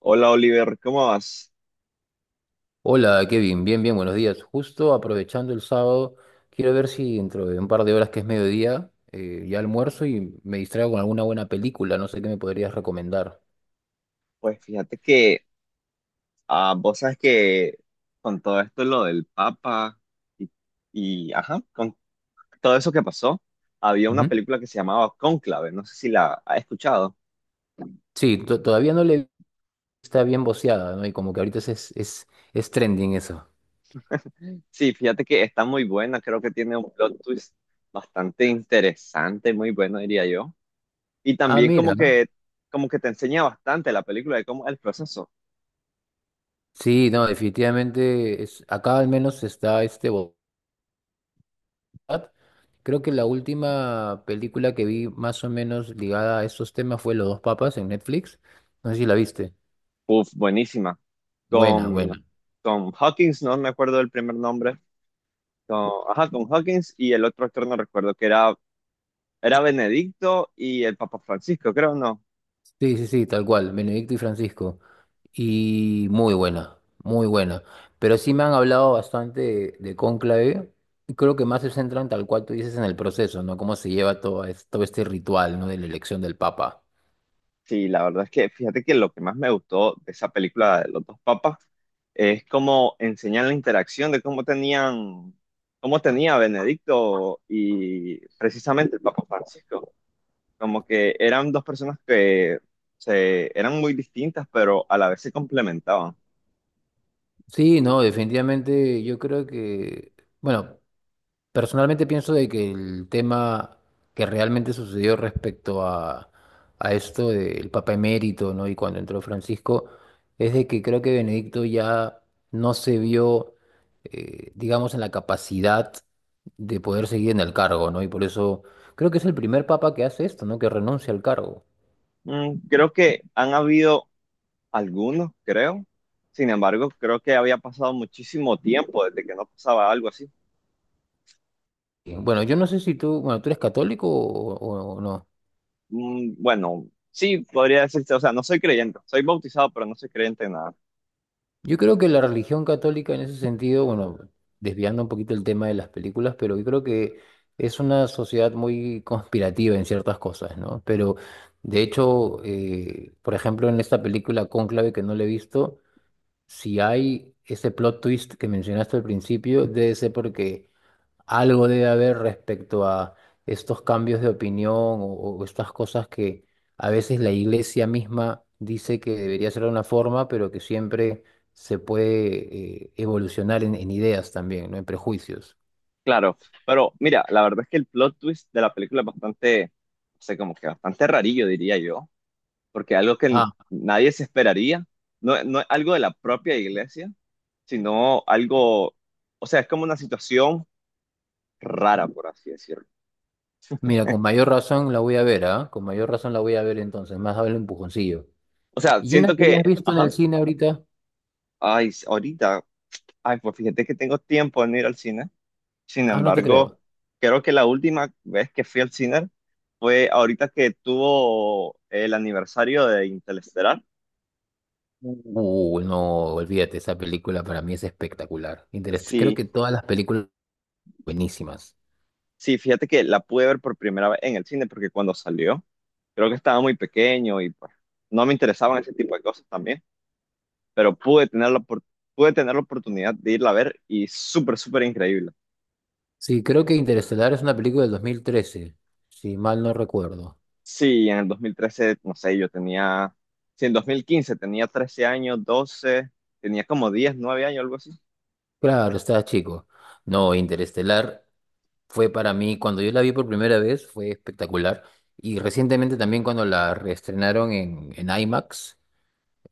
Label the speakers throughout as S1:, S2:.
S1: Hola Oliver, ¿cómo vas?
S2: Hola Kevin, bien, buenos días. Justo aprovechando el sábado, quiero ver si dentro de un par de horas que es mediodía, ya almuerzo y me distraigo con alguna buena película, no sé qué me podrías recomendar.
S1: Pues fíjate que vos sabes que con todo esto lo del Papa y, con todo eso que pasó, había una
S2: Ujú.
S1: película que se llamaba Cónclave, no sé si la has escuchado.
S2: Sí, todavía no le está bien voceada, ¿no? Y como que ahorita es trending eso.
S1: Sí, fíjate que está muy buena, creo que tiene un plot twist bastante interesante, muy bueno diría yo. Y
S2: Ah,
S1: también
S2: mira.
S1: como que te enseña bastante la película de cómo es el proceso.
S2: Sí, no, definitivamente es, acá al menos está este Borat. Creo que la última película que vi más o menos ligada a estos temas fue Los dos papas en Netflix. No sé si la viste.
S1: Uf, buenísima.
S2: Buena,
S1: Con,
S2: buena.
S1: con Hawkins, no, no me acuerdo del primer nombre. Con Hawkins y el otro actor no recuerdo, que era Benedicto y el Papa Francisco, creo, ¿no?
S2: Sí, sí, sí, tal cual, Benedicto y Francisco. Y muy buena, muy buena. Pero sí me han hablado bastante de Cónclave. Y creo que más se centran, tal cual tú dices, en el proceso, ¿no? Cómo se lleva todo, todo este ritual, ¿no? De la elección del Papa.
S1: Sí, la verdad es que fíjate que lo que más me gustó de esa película de los dos papas es cómo enseñan la interacción de cómo tenía Benedicto y precisamente el Papa Francisco. Como que eran dos personas que eran muy distintas, pero a la vez se complementaban.
S2: Sí, no, definitivamente yo creo que, bueno, personalmente pienso de que el tema que realmente sucedió respecto a esto del Papa emérito, ¿no? Y cuando entró Francisco, es de que creo que Benedicto ya no se vio, digamos, en la capacidad de poder seguir en el cargo, ¿no? Y por eso creo que es el primer papa que hace esto, ¿no? Que renuncia al cargo.
S1: Mm, creo que han habido algunos, creo. Sin embargo, creo que había pasado muchísimo tiempo desde que no pasaba algo así.
S2: Bueno, yo no sé si tú, bueno, ¿tú eres católico o no?
S1: Mm, bueno, sí, podría decirse, o sea, no soy creyente, soy bautizado, pero no soy creyente en nada.
S2: Yo creo que la religión católica en ese sentido, bueno, desviando un poquito el tema de las películas, pero yo creo que es una sociedad muy conspirativa en ciertas cosas, ¿no? Pero de hecho, por ejemplo, en esta película Cónclave que no le he visto, si hay ese plot twist que mencionaste al principio, debe ser porque algo debe haber respecto a estos cambios de opinión o estas cosas que a veces la iglesia misma dice que debería ser de una forma, pero que siempre se puede evolucionar en ideas también, ¿no? En prejuicios.
S1: Claro, pero mira, la verdad es que el plot twist de la película es bastante, no sé, como que bastante rarillo, diría yo, porque algo que
S2: Ah,
S1: nadie se esperaría, no, no es algo de la propia iglesia, sino algo, o sea, es como una situación rara, por así decirlo.
S2: mira, con mayor razón la voy a ver, ¿ah? Con mayor razón la voy a ver entonces, más vale un empujoncillo.
S1: O sea,
S2: ¿Y una
S1: siento
S2: que
S1: que,
S2: hayas visto en el
S1: ajá,
S2: cine ahorita?
S1: ay, ahorita. Ay, pues fíjate que tengo tiempo en ir al cine. Sin
S2: Ah, no te
S1: embargo,
S2: creo.
S1: creo que la última vez que fui al cine fue ahorita que tuvo el aniversario de Interestelar.
S2: No, olvídate, esa película para mí es espectacular. Creo
S1: Sí,
S2: que todas las películas buenísimas.
S1: sí, fíjate que la pude ver por primera vez en el cine porque cuando salió, creo que estaba muy pequeño y pues no me interesaban ese tipo de cosas también, pero pude tener la oportunidad de irla a ver y súper, súper increíble.
S2: Sí, creo que Interestelar es una película del 2013, si mal no recuerdo.
S1: Sí, en el 2013, no sé, yo tenía, sí, en 2015 tenía 13 años, 12, tenía como 10, 9 años, algo así.
S2: Claro, estaba chico. No, Interestelar fue para mí, cuando yo la vi por primera vez, fue espectacular. Y recientemente también cuando la reestrenaron en IMAX,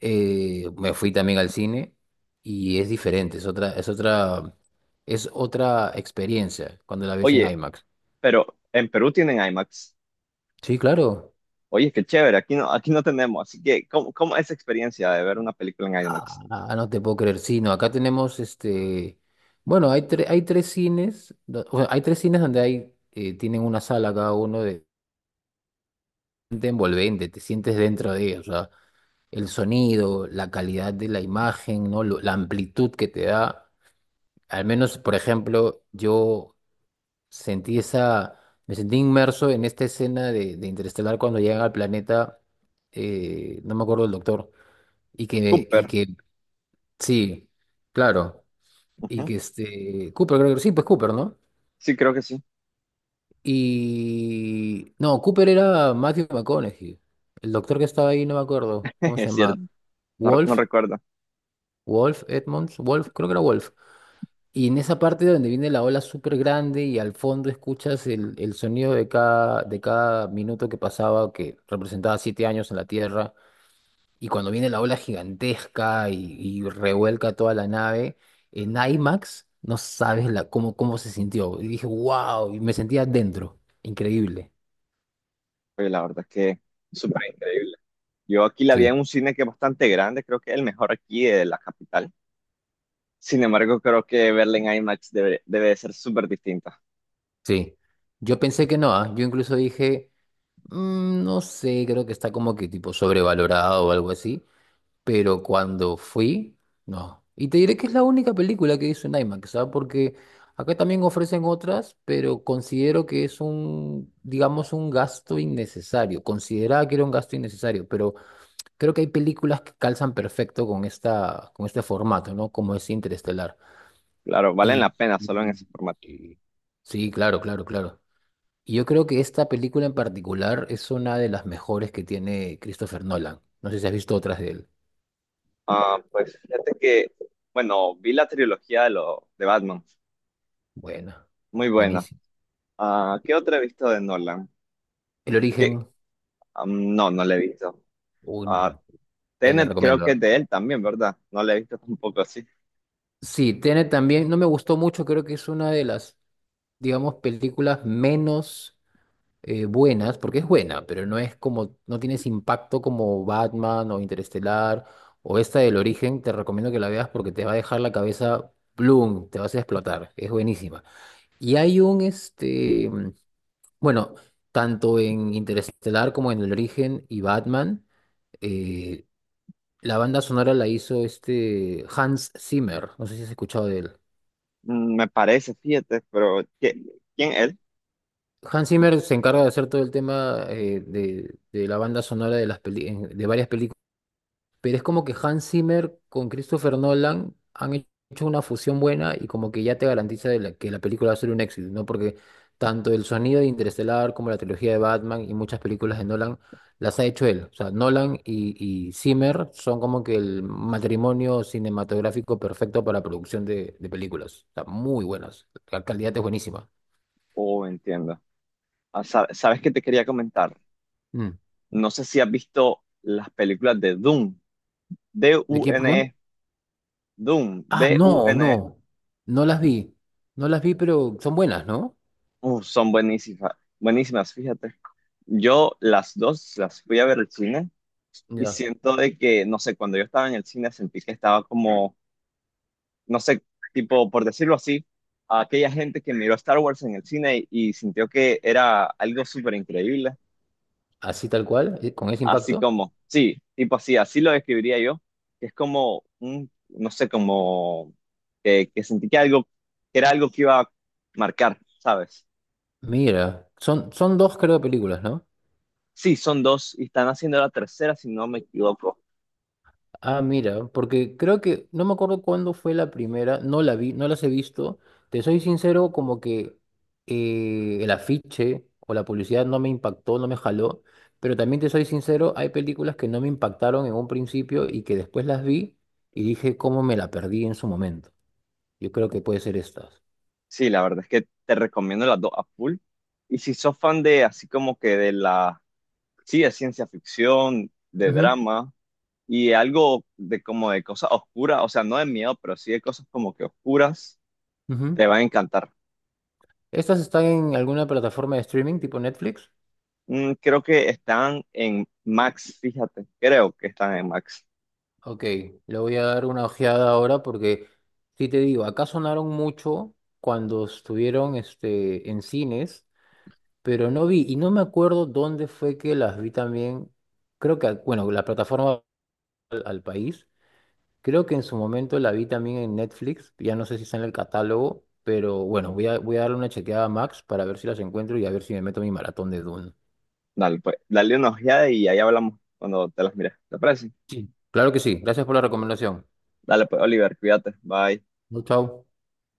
S2: me fui también al cine y es diferente, es otra, es otra experiencia cuando la ves en
S1: Oye,
S2: IMAX.
S1: pero en Perú tienen IMAX.
S2: Sí, claro.
S1: Oye, qué chévere, aquí no tenemos. Así que, ¿cómo, cómo es esa experiencia de ver una película en IMAX?
S2: Ah, no te puedo creer, sí, no, acá tenemos este, bueno, hay, hay 3 cines, o sea, hay 3 cines donde hay, tienen una sala cada uno de envolvente, te sientes dentro de ella, o sea, el sonido, la calidad de la imagen, ¿no? La amplitud que te da, al menos, por ejemplo, yo sentí esa, me sentí inmerso en esta escena de Interestelar cuando llegan al planeta, no me acuerdo del doctor, y que, y
S1: Cooper.
S2: que, sí, claro. Y
S1: Ujú.
S2: que este. Cooper, creo que sí, pues Cooper, ¿no?
S1: Sí, creo que sí.
S2: Y. No, Cooper era Matthew McConaughey. El doctor que estaba ahí, no me acuerdo. ¿Cómo se
S1: Es cierto,
S2: llama?
S1: no, no
S2: Wolf.
S1: recuerdo.
S2: Wolf Edmonds. Wolf, creo que era Wolf. Y en esa parte donde viene la ola súper grande y al fondo escuchas el sonido de cada minuto que pasaba, que representaba 7 años en la Tierra. Y cuando viene la ola gigantesca y revuelca toda la nave, en IMAX no sabes la, cómo, cómo se sintió. Y dije, wow, y me sentía dentro. Increíble.
S1: Oye, la verdad es que súper increíble. Yo aquí la vi en
S2: Sí,
S1: un cine que es bastante grande, creo que es el mejor aquí de la capital. Sin embargo, creo que verla en IMAX debe, debe de ser súper distinto.
S2: sí. Yo pensé que no, ¿ah? Yo incluso dije, no sé, creo que está como que tipo sobrevalorado o algo así. Pero cuando fui, no. Y te diré que es la única película que hizo en IMAX, ¿sabes? Porque acá también ofrecen otras, pero considero que es un, digamos, un gasto innecesario. Consideraba que era un gasto innecesario, pero creo que hay películas que calzan perfecto con esta, con este formato, ¿no? Como es Interestelar.
S1: Claro, valen la
S2: Y,
S1: pena solo en
S2: y-
S1: ese formato.
S2: y- sí, claro, claro, claro. Y yo creo que esta película en particular es una de las mejores que tiene Christopher Nolan. No sé si has visto otras de él.
S1: Ah, pues fíjate que, bueno, vi la trilogía de Batman,
S2: Buena.
S1: muy buena.
S2: Buenísima.
S1: Ah, ¿qué otra he visto de Nolan?
S2: El
S1: ¿Qué?
S2: origen,
S1: Am, no, no la he visto.
S2: uy,
S1: Ah,
S2: te la
S1: Tenet creo que
S2: recomiendo.
S1: es de él también, ¿verdad? No la he visto tampoco así.
S2: Sí, tiene también, no me gustó mucho, creo que es una de las, digamos, películas menos buenas, porque es buena, pero no es como, no tienes impacto como Batman o Interestelar o esta del origen, te recomiendo que la veas porque te va a dejar la cabeza bloom, te vas a explotar, es buenísima. Y hay un, este, bueno, tanto en Interestelar como en el origen y Batman. eh, La banda sonora la hizo este Hans Zimmer, no sé si has escuchado de él.
S1: Mm, me parece, fíjate, pero ¿quién es?
S2: Hans Zimmer se encarga de hacer todo el tema de la banda sonora de las de varias películas. Pero es como que Hans Zimmer con Christopher Nolan han hecho una fusión buena y como que ya te garantiza de que la película va a ser un éxito, ¿no? Porque tanto el sonido de Interestelar como la trilogía de Batman y muchas películas de Nolan las ha hecho él. O sea, Nolan y Zimmer son como que el matrimonio cinematográfico perfecto para producción de películas. O sea, muy buenas. La calidad es buenísima.
S1: Oh, entiendo. ¿Sabes qué te quería comentar?
S2: Mm.
S1: No sé si has visto las películas de Dune,
S2: ¿De quién, perdón?
S1: Dune, Dune, D-U-N-E.
S2: Ah,
S1: D U
S2: no,
S1: N E.
S2: no. No las vi. No las vi, pero son buenas, ¿no?
S1: Uf, son buenísimas, buenísimas, fíjate. Yo las dos las fui a ver al cine y
S2: Ya.
S1: siento de que, no sé, cuando yo estaba en el cine sentí que estaba como, no sé, tipo, por decirlo así, a aquella gente que miró Star Wars en el cine y sintió que era algo súper increíble,
S2: Así tal cual, con ese
S1: así
S2: impacto.
S1: como, sí, tipo así, así lo describiría yo, que es como, un, no sé, que sentí que era algo que iba a marcar, ¿sabes?
S2: Mira, son dos creo películas, ¿no?
S1: Sí, son dos y están haciendo la tercera, si no me equivoco.
S2: Ah, mira, porque creo que no me acuerdo cuándo fue la primera, no la vi, no las he visto. Te soy sincero, como que el afiche o la publicidad no me impactó, no me jaló, pero también te soy sincero, hay películas que no me impactaron en un principio y que después las vi y dije cómo me la perdí en su momento. Yo creo que puede ser estas.
S1: Sí, la verdad es que te recomiendo las dos a full. Y si sos fan de así como que de la, sí, de ciencia ficción, de
S2: Ujú,
S1: drama y algo de como de cosas oscuras, o sea, no de miedo, pero sí de cosas como que oscuras,
S2: ujú.
S1: te van a encantar.
S2: ¿Estas están en alguna plataforma de streaming tipo Netflix?
S1: Mm, creo que están en Max, fíjate, creo que están en Max.
S2: Ok, le voy a dar una ojeada ahora porque, sí te digo, acá sonaron mucho cuando estuvieron este, en cines, pero no vi, y no me acuerdo dónde fue que las vi también, creo que, bueno, la plataforma al país, creo que en su momento la vi también en Netflix, ya no sé si está en el catálogo, pero bueno, voy a darle una chequeada a Max para ver si las encuentro y a ver si me meto mi maratón de Dune.
S1: Dale, pues, dale una ojeada y ahí hablamos cuando te las mires. ¿Te parece?
S2: Sí. Claro que sí, gracias por la recomendación.
S1: Dale, pues, Oliver, cuídate. Bye.
S2: Chau, chau.